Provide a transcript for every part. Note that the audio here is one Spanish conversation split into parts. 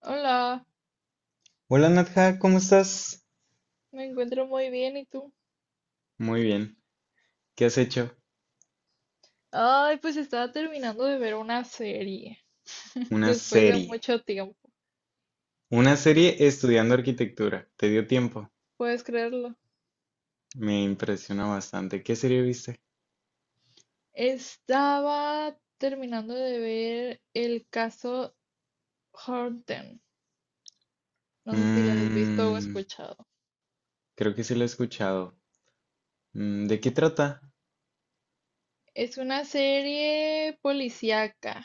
Hola, Hola, Nadja, ¿cómo estás? me encuentro muy bien, ¿y tú? Muy bien. ¿Qué has hecho? Ay, pues estaba terminando de ver una serie Una después de serie. mucho tiempo. Una Sí, serie estudiando arquitectura. ¿Te dio tiempo? puedes creerlo. Me impresiona bastante. ¿Qué serie viste? Estaba terminando de ver el caso Horten. No sé si la has visto o Mmm, escuchado. Creo que sí la he escuchado. ¿De qué trata? Es una serie policíaca,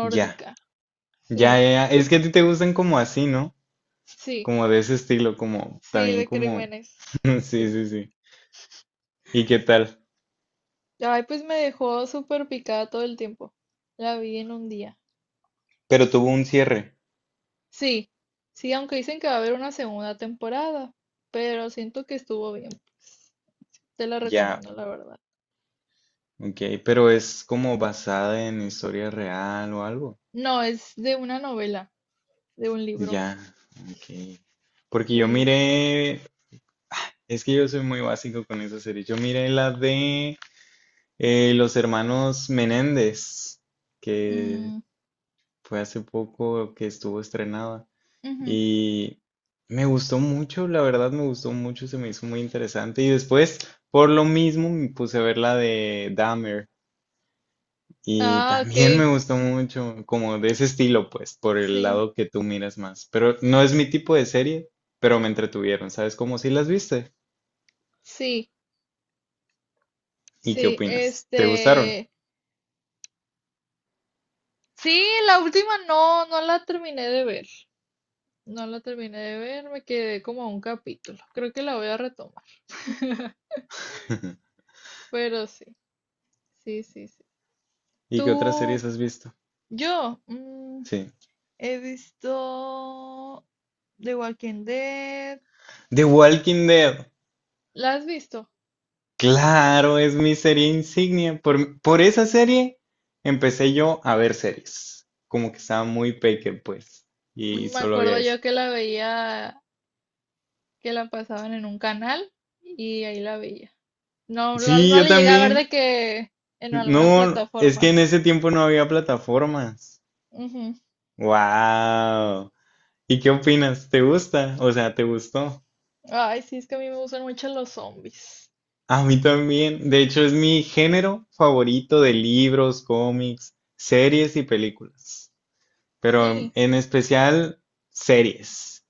Ya. Sí, Ya, ya, ya. Es que a ti te gustan como así, ¿no? sí, Como de ese estilo, como sí, también de como... crímenes. Sí, Sí. sí, sí. ¿Y qué tal? Ay, pues me dejó súper picada todo el tiempo. La vi en un día. Pero tuvo un cierre. Sí, sí, aunque dicen que va a haber una segunda temporada, pero siento que estuvo bien, pues, te la Ya. recomiendo, la verdad. Ok, pero es como basada en historia real o algo. No, es de una novela, de un libro, Ya, ok. Porque yo sí. miré, es que yo soy muy básico con esa serie. Yo miré la de los hermanos Menéndez, que Mm, fue hace poco que estuvo estrenada. ujú. Y me gustó mucho, la verdad me gustó mucho, se me hizo muy interesante. Y después, por lo mismo, me puse a ver la de Dahmer. Y Ah, ok, también me gustó mucho, como de ese estilo, pues, por el sí, lado que tú miras más. Pero no es mi tipo de serie, pero me entretuvieron, ¿sabes? Como si las viste. sí, ¿Y qué sí, opinas? ¿Te gustaron? Sí, la última no, no la terminé de ver, no la terminé de ver, me quedé como a un capítulo, creo que la voy a retomar, pero sí, sí, sí, sí. ¿Y qué otras series Tú, has visto? yo, Sí. he visto The Walking Dead. The Walking Dead. ¿La has visto? Claro, es mi serie insignia. Por esa serie empecé yo a ver series. Como que estaba muy peque, pues. Y Me solo había acuerdo eso. yo que la veía, que la pasaban en un canal y ahí la veía. No, no, Sí, no yo le llegué a ver también. de que en alguna No, es que plataforma. en ese tiempo no había plataformas. Ujú, Wow. ¿Y qué sí. opinas? ¿Te gusta? O sea, ¿te gustó? Ay, sí, es que a mí me gustan mucho los zombies. A mí también. De hecho, es mi género favorito de libros, cómics, series y películas. Pero Sí. en especial series.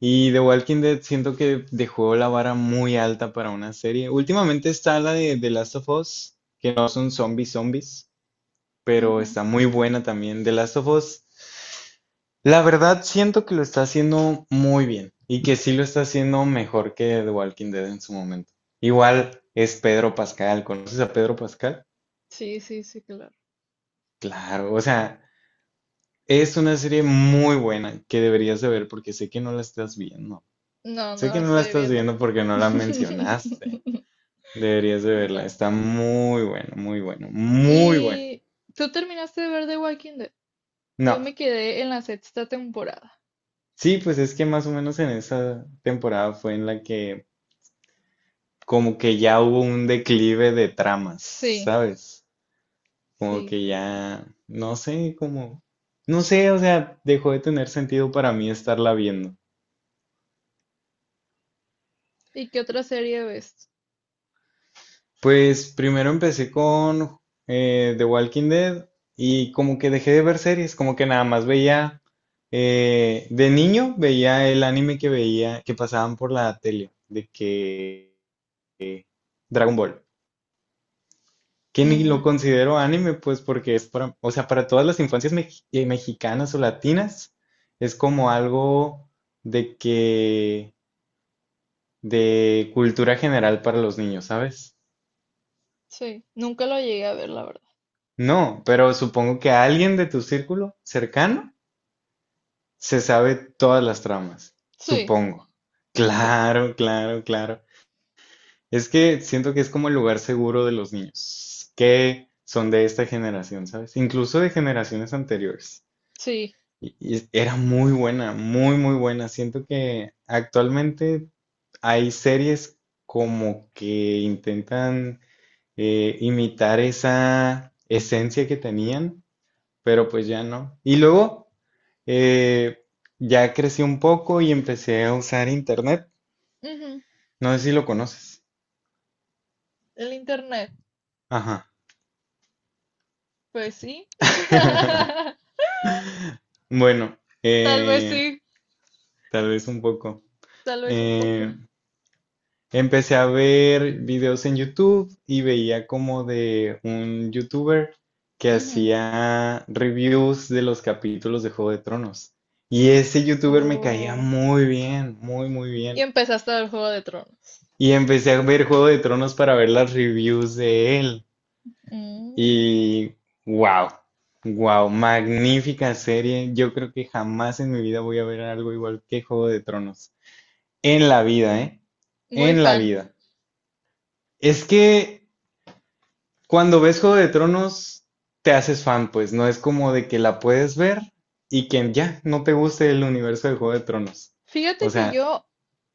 Y The Walking Dead siento que dejó la vara muy alta para una serie. Últimamente está la de The Last of Us, que no son zombies zombies, pero Ujú. está muy buena también, de Last of Us, la verdad siento que lo está haciendo muy bien y que sí lo está haciendo mejor que The Walking Dead en su momento. Igual es Pedro Pascal, ¿conoces a Pedro Pascal? Sí, sí, sí, claro. Claro, o sea, es una serie muy buena que deberías de ver porque sé que no la estás viendo. No, no Sé que la no la estoy estás viendo. viendo porque no la mencionaste. Deberías de verla, No. está muy bueno, muy bueno, muy bueno. ¿Y tú terminaste de ver The Walking Dead? Yo No, me quedé en la sexta temporada. sí, pues es que más o menos en esa temporada fue en la que como que ya hubo un declive de tramas, Sí, ¿sabes? Como sí, que sí, sí. ya, no sé, como, no sé, o sea, dejó de tener sentido para mí estarla viendo. ¿Y qué otra serie ves? Pues primero empecé con The Walking Dead y como que dejé de ver series, como que nada más veía, de niño veía el anime que veía, que pasaban por la tele, de que Dragon Ball, que ni lo Mm, considero anime, pues porque es para, o sea, para todas las infancias mexicanas o latinas, es como algo de que, de cultura general para los niños, ¿sabes? sí, nunca lo llegué a ver, la verdad. No, pero supongo que alguien de tu círculo cercano se sabe todas las tramas, Sí, supongo. sí, Claro, claro, claro. Es que siento que es como el lugar seguro de los niños que son de esta generación, ¿sabes? Incluso de generaciones anteriores. sí. Era muy buena, muy, muy buena. Siento que actualmente hay series como que intentan imitar esa esencia que tenían, pero pues ya no. Y luego eh, ya crecí un poco y empecé a usar internet. Ujú, No sé si lo conoces. el internet, Ajá. pues sí. Bueno, Tal vez eh, sí, tal vez un poco. tal vez un poco. Eh, Empecé a ver videos en YouTube y veía como de un youtuber que Ujú. hacía reviews de los capítulos de Juego de Tronos. Y ese youtuber me caía Oh, muy bien, muy, muy y bien. empezaste a ver Juego de Tronos. Y empecé a ver Juego de Tronos para ver las reviews de él. Mm, Y wow, wow, magnífica serie. Yo creo que jamás en mi vida voy a ver algo igual que Juego de Tronos. En la vida, ¿eh? muy En la fan. vida. Es que cuando ves Juego de Tronos, te haces fan, pues no es como de que la puedes ver y que ya no te guste el universo de Juego de Tronos. Fíjate O que sea, yo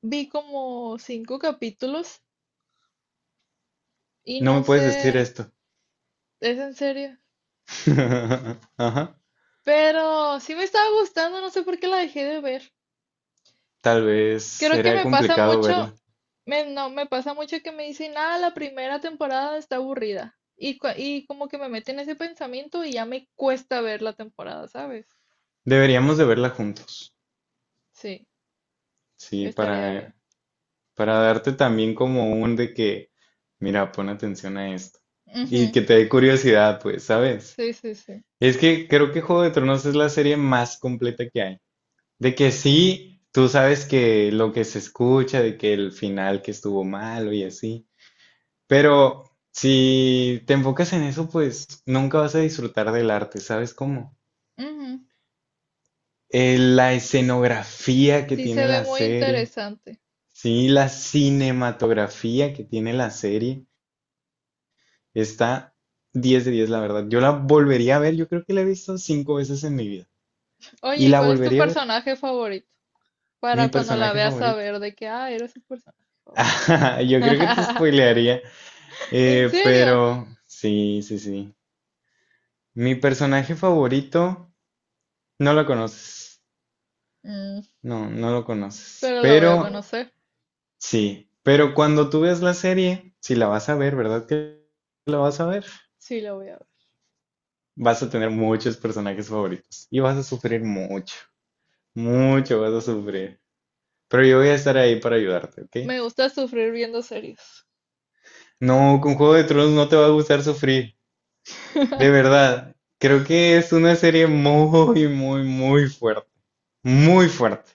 vi como cinco capítulos y no no me puedes decir sé, esto. ¿es en serio? Ajá. Pero sí me estaba gustando, no sé por qué la dejé de ver. Tal vez Creo que será me pasa complicado mucho, verla. me, no, me pasa mucho que me dicen, ah, la primera temporada está aburrida. Y, y como que me meten ese pensamiento y ya me cuesta ver la temporada, ¿sabes? Deberíamos de verla juntos. Sí, Sí, estaría bien. Para darte también como un de que, mira, pon atención a esto. Y Ujú, que te dé curiosidad, pues, ¿sabes? sí, sí, sí. Es que creo que Juego de Tronos es la serie más completa que hay. De que sí, tú sabes que lo que se escucha, de que el final que estuvo malo y así. Pero si te enfocas en eso, pues nunca vas a disfrutar del arte, ¿sabes cómo? Ujú, La escenografía que sí se tiene ve la muy serie, interesante. sí, la cinematografía que tiene la serie, está 10 de 10, la verdad. Yo la volvería a ver, yo creo que la he visto cinco veces en mi vida. Y Oye, ¿y la cuál es tu volvería a ver, personaje favorito? mi Para cuando la personaje veas favorito. saber de que, ah, eres un personaje favorito. Yo creo que te spoilearía. ¿En serio? Pero sí, sí, sí. Mi personaje favorito, no lo conoces. Mm, No, no lo conoces. pero la voy a Pero conocer. sí, pero cuando tú ves la serie, si la vas a ver, ¿verdad que la vas a ver? Sí, la voy a ver. Vas a tener muchos personajes favoritos y vas a sufrir mucho, mucho vas a Mm, sufrir. Pero yo voy a estar ahí para ayudarte, ¿ok? me gusta sufrir viendo series. No, con Juego de Tronos no te va a gustar sufrir, de verdad. Creo que es una serie muy, muy, muy fuerte, muy fuerte.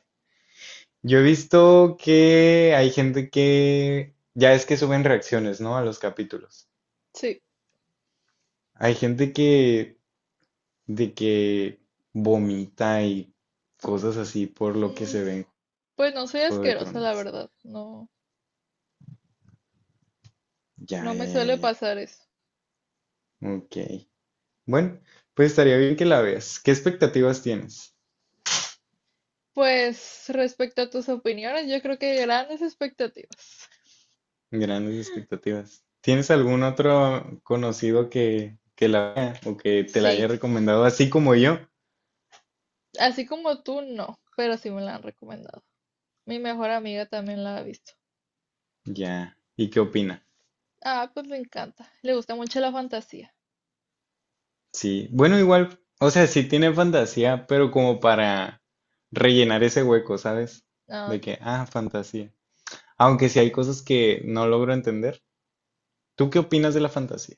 Yo he visto que hay gente que ya es que suben reacciones, ¿no? A los capítulos. Sí. Hay gente que de que vomita y cosas así por lo que Mm, se ve en pues no soy Juego de asquerosa, la Tronos. verdad. No, Ya, no me ya, ya, suele ya, ya. pasar eso. Ok. Bueno, pues estaría bien que la veas. ¿Qué expectativas tienes? Pues respecto a tus opiniones, yo creo que grandes expectativas. Grandes expectativas. ¿Tienes algún otro conocido que la vea o que te la haya Sí, recomendado así como yo? así como tú, no, pero sí me la han recomendado. Mi mejor amiga también la ha visto. Ya. ¿Y qué opina? Ah, pues le encanta. Le gusta mucho la fantasía. Sí, bueno, igual, o sea, sí tiene fantasía, pero como para rellenar ese hueco, ¿sabes? Ah, De ok. que, ah, fantasía. Aunque sí hay cosas que no logro entender. ¿Tú qué opinas de la fantasía?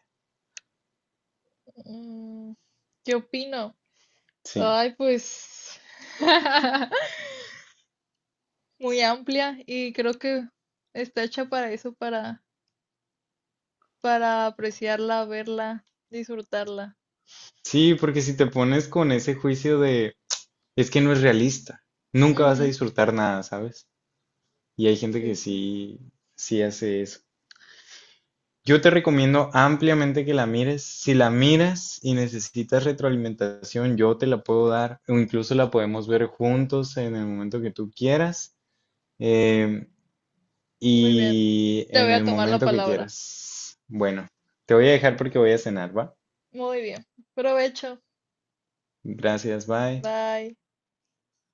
Mm, ¿qué opino? Sí. Ay, pues... muy amplia y creo que está hecha para eso, para apreciarla, verla, disfrutarla. Sí, porque si te pones con ese juicio de, es que no es realista, nunca vas a Ujú, disfrutar nada, ¿sabes? Y hay gente sí, que sí. sí, sí hace eso. Yo te recomiendo ampliamente que la mires. Si la miras y necesitas retroalimentación, yo te la puedo dar o incluso la podemos ver juntos en el momento que tú quieras em, Muy bien. y Te en voy a el tomar la momento que palabra. quieras. Bueno, te voy a dejar porque voy a cenar, ¿va? Muy bien. Provecho. Gracias, bye. Bye.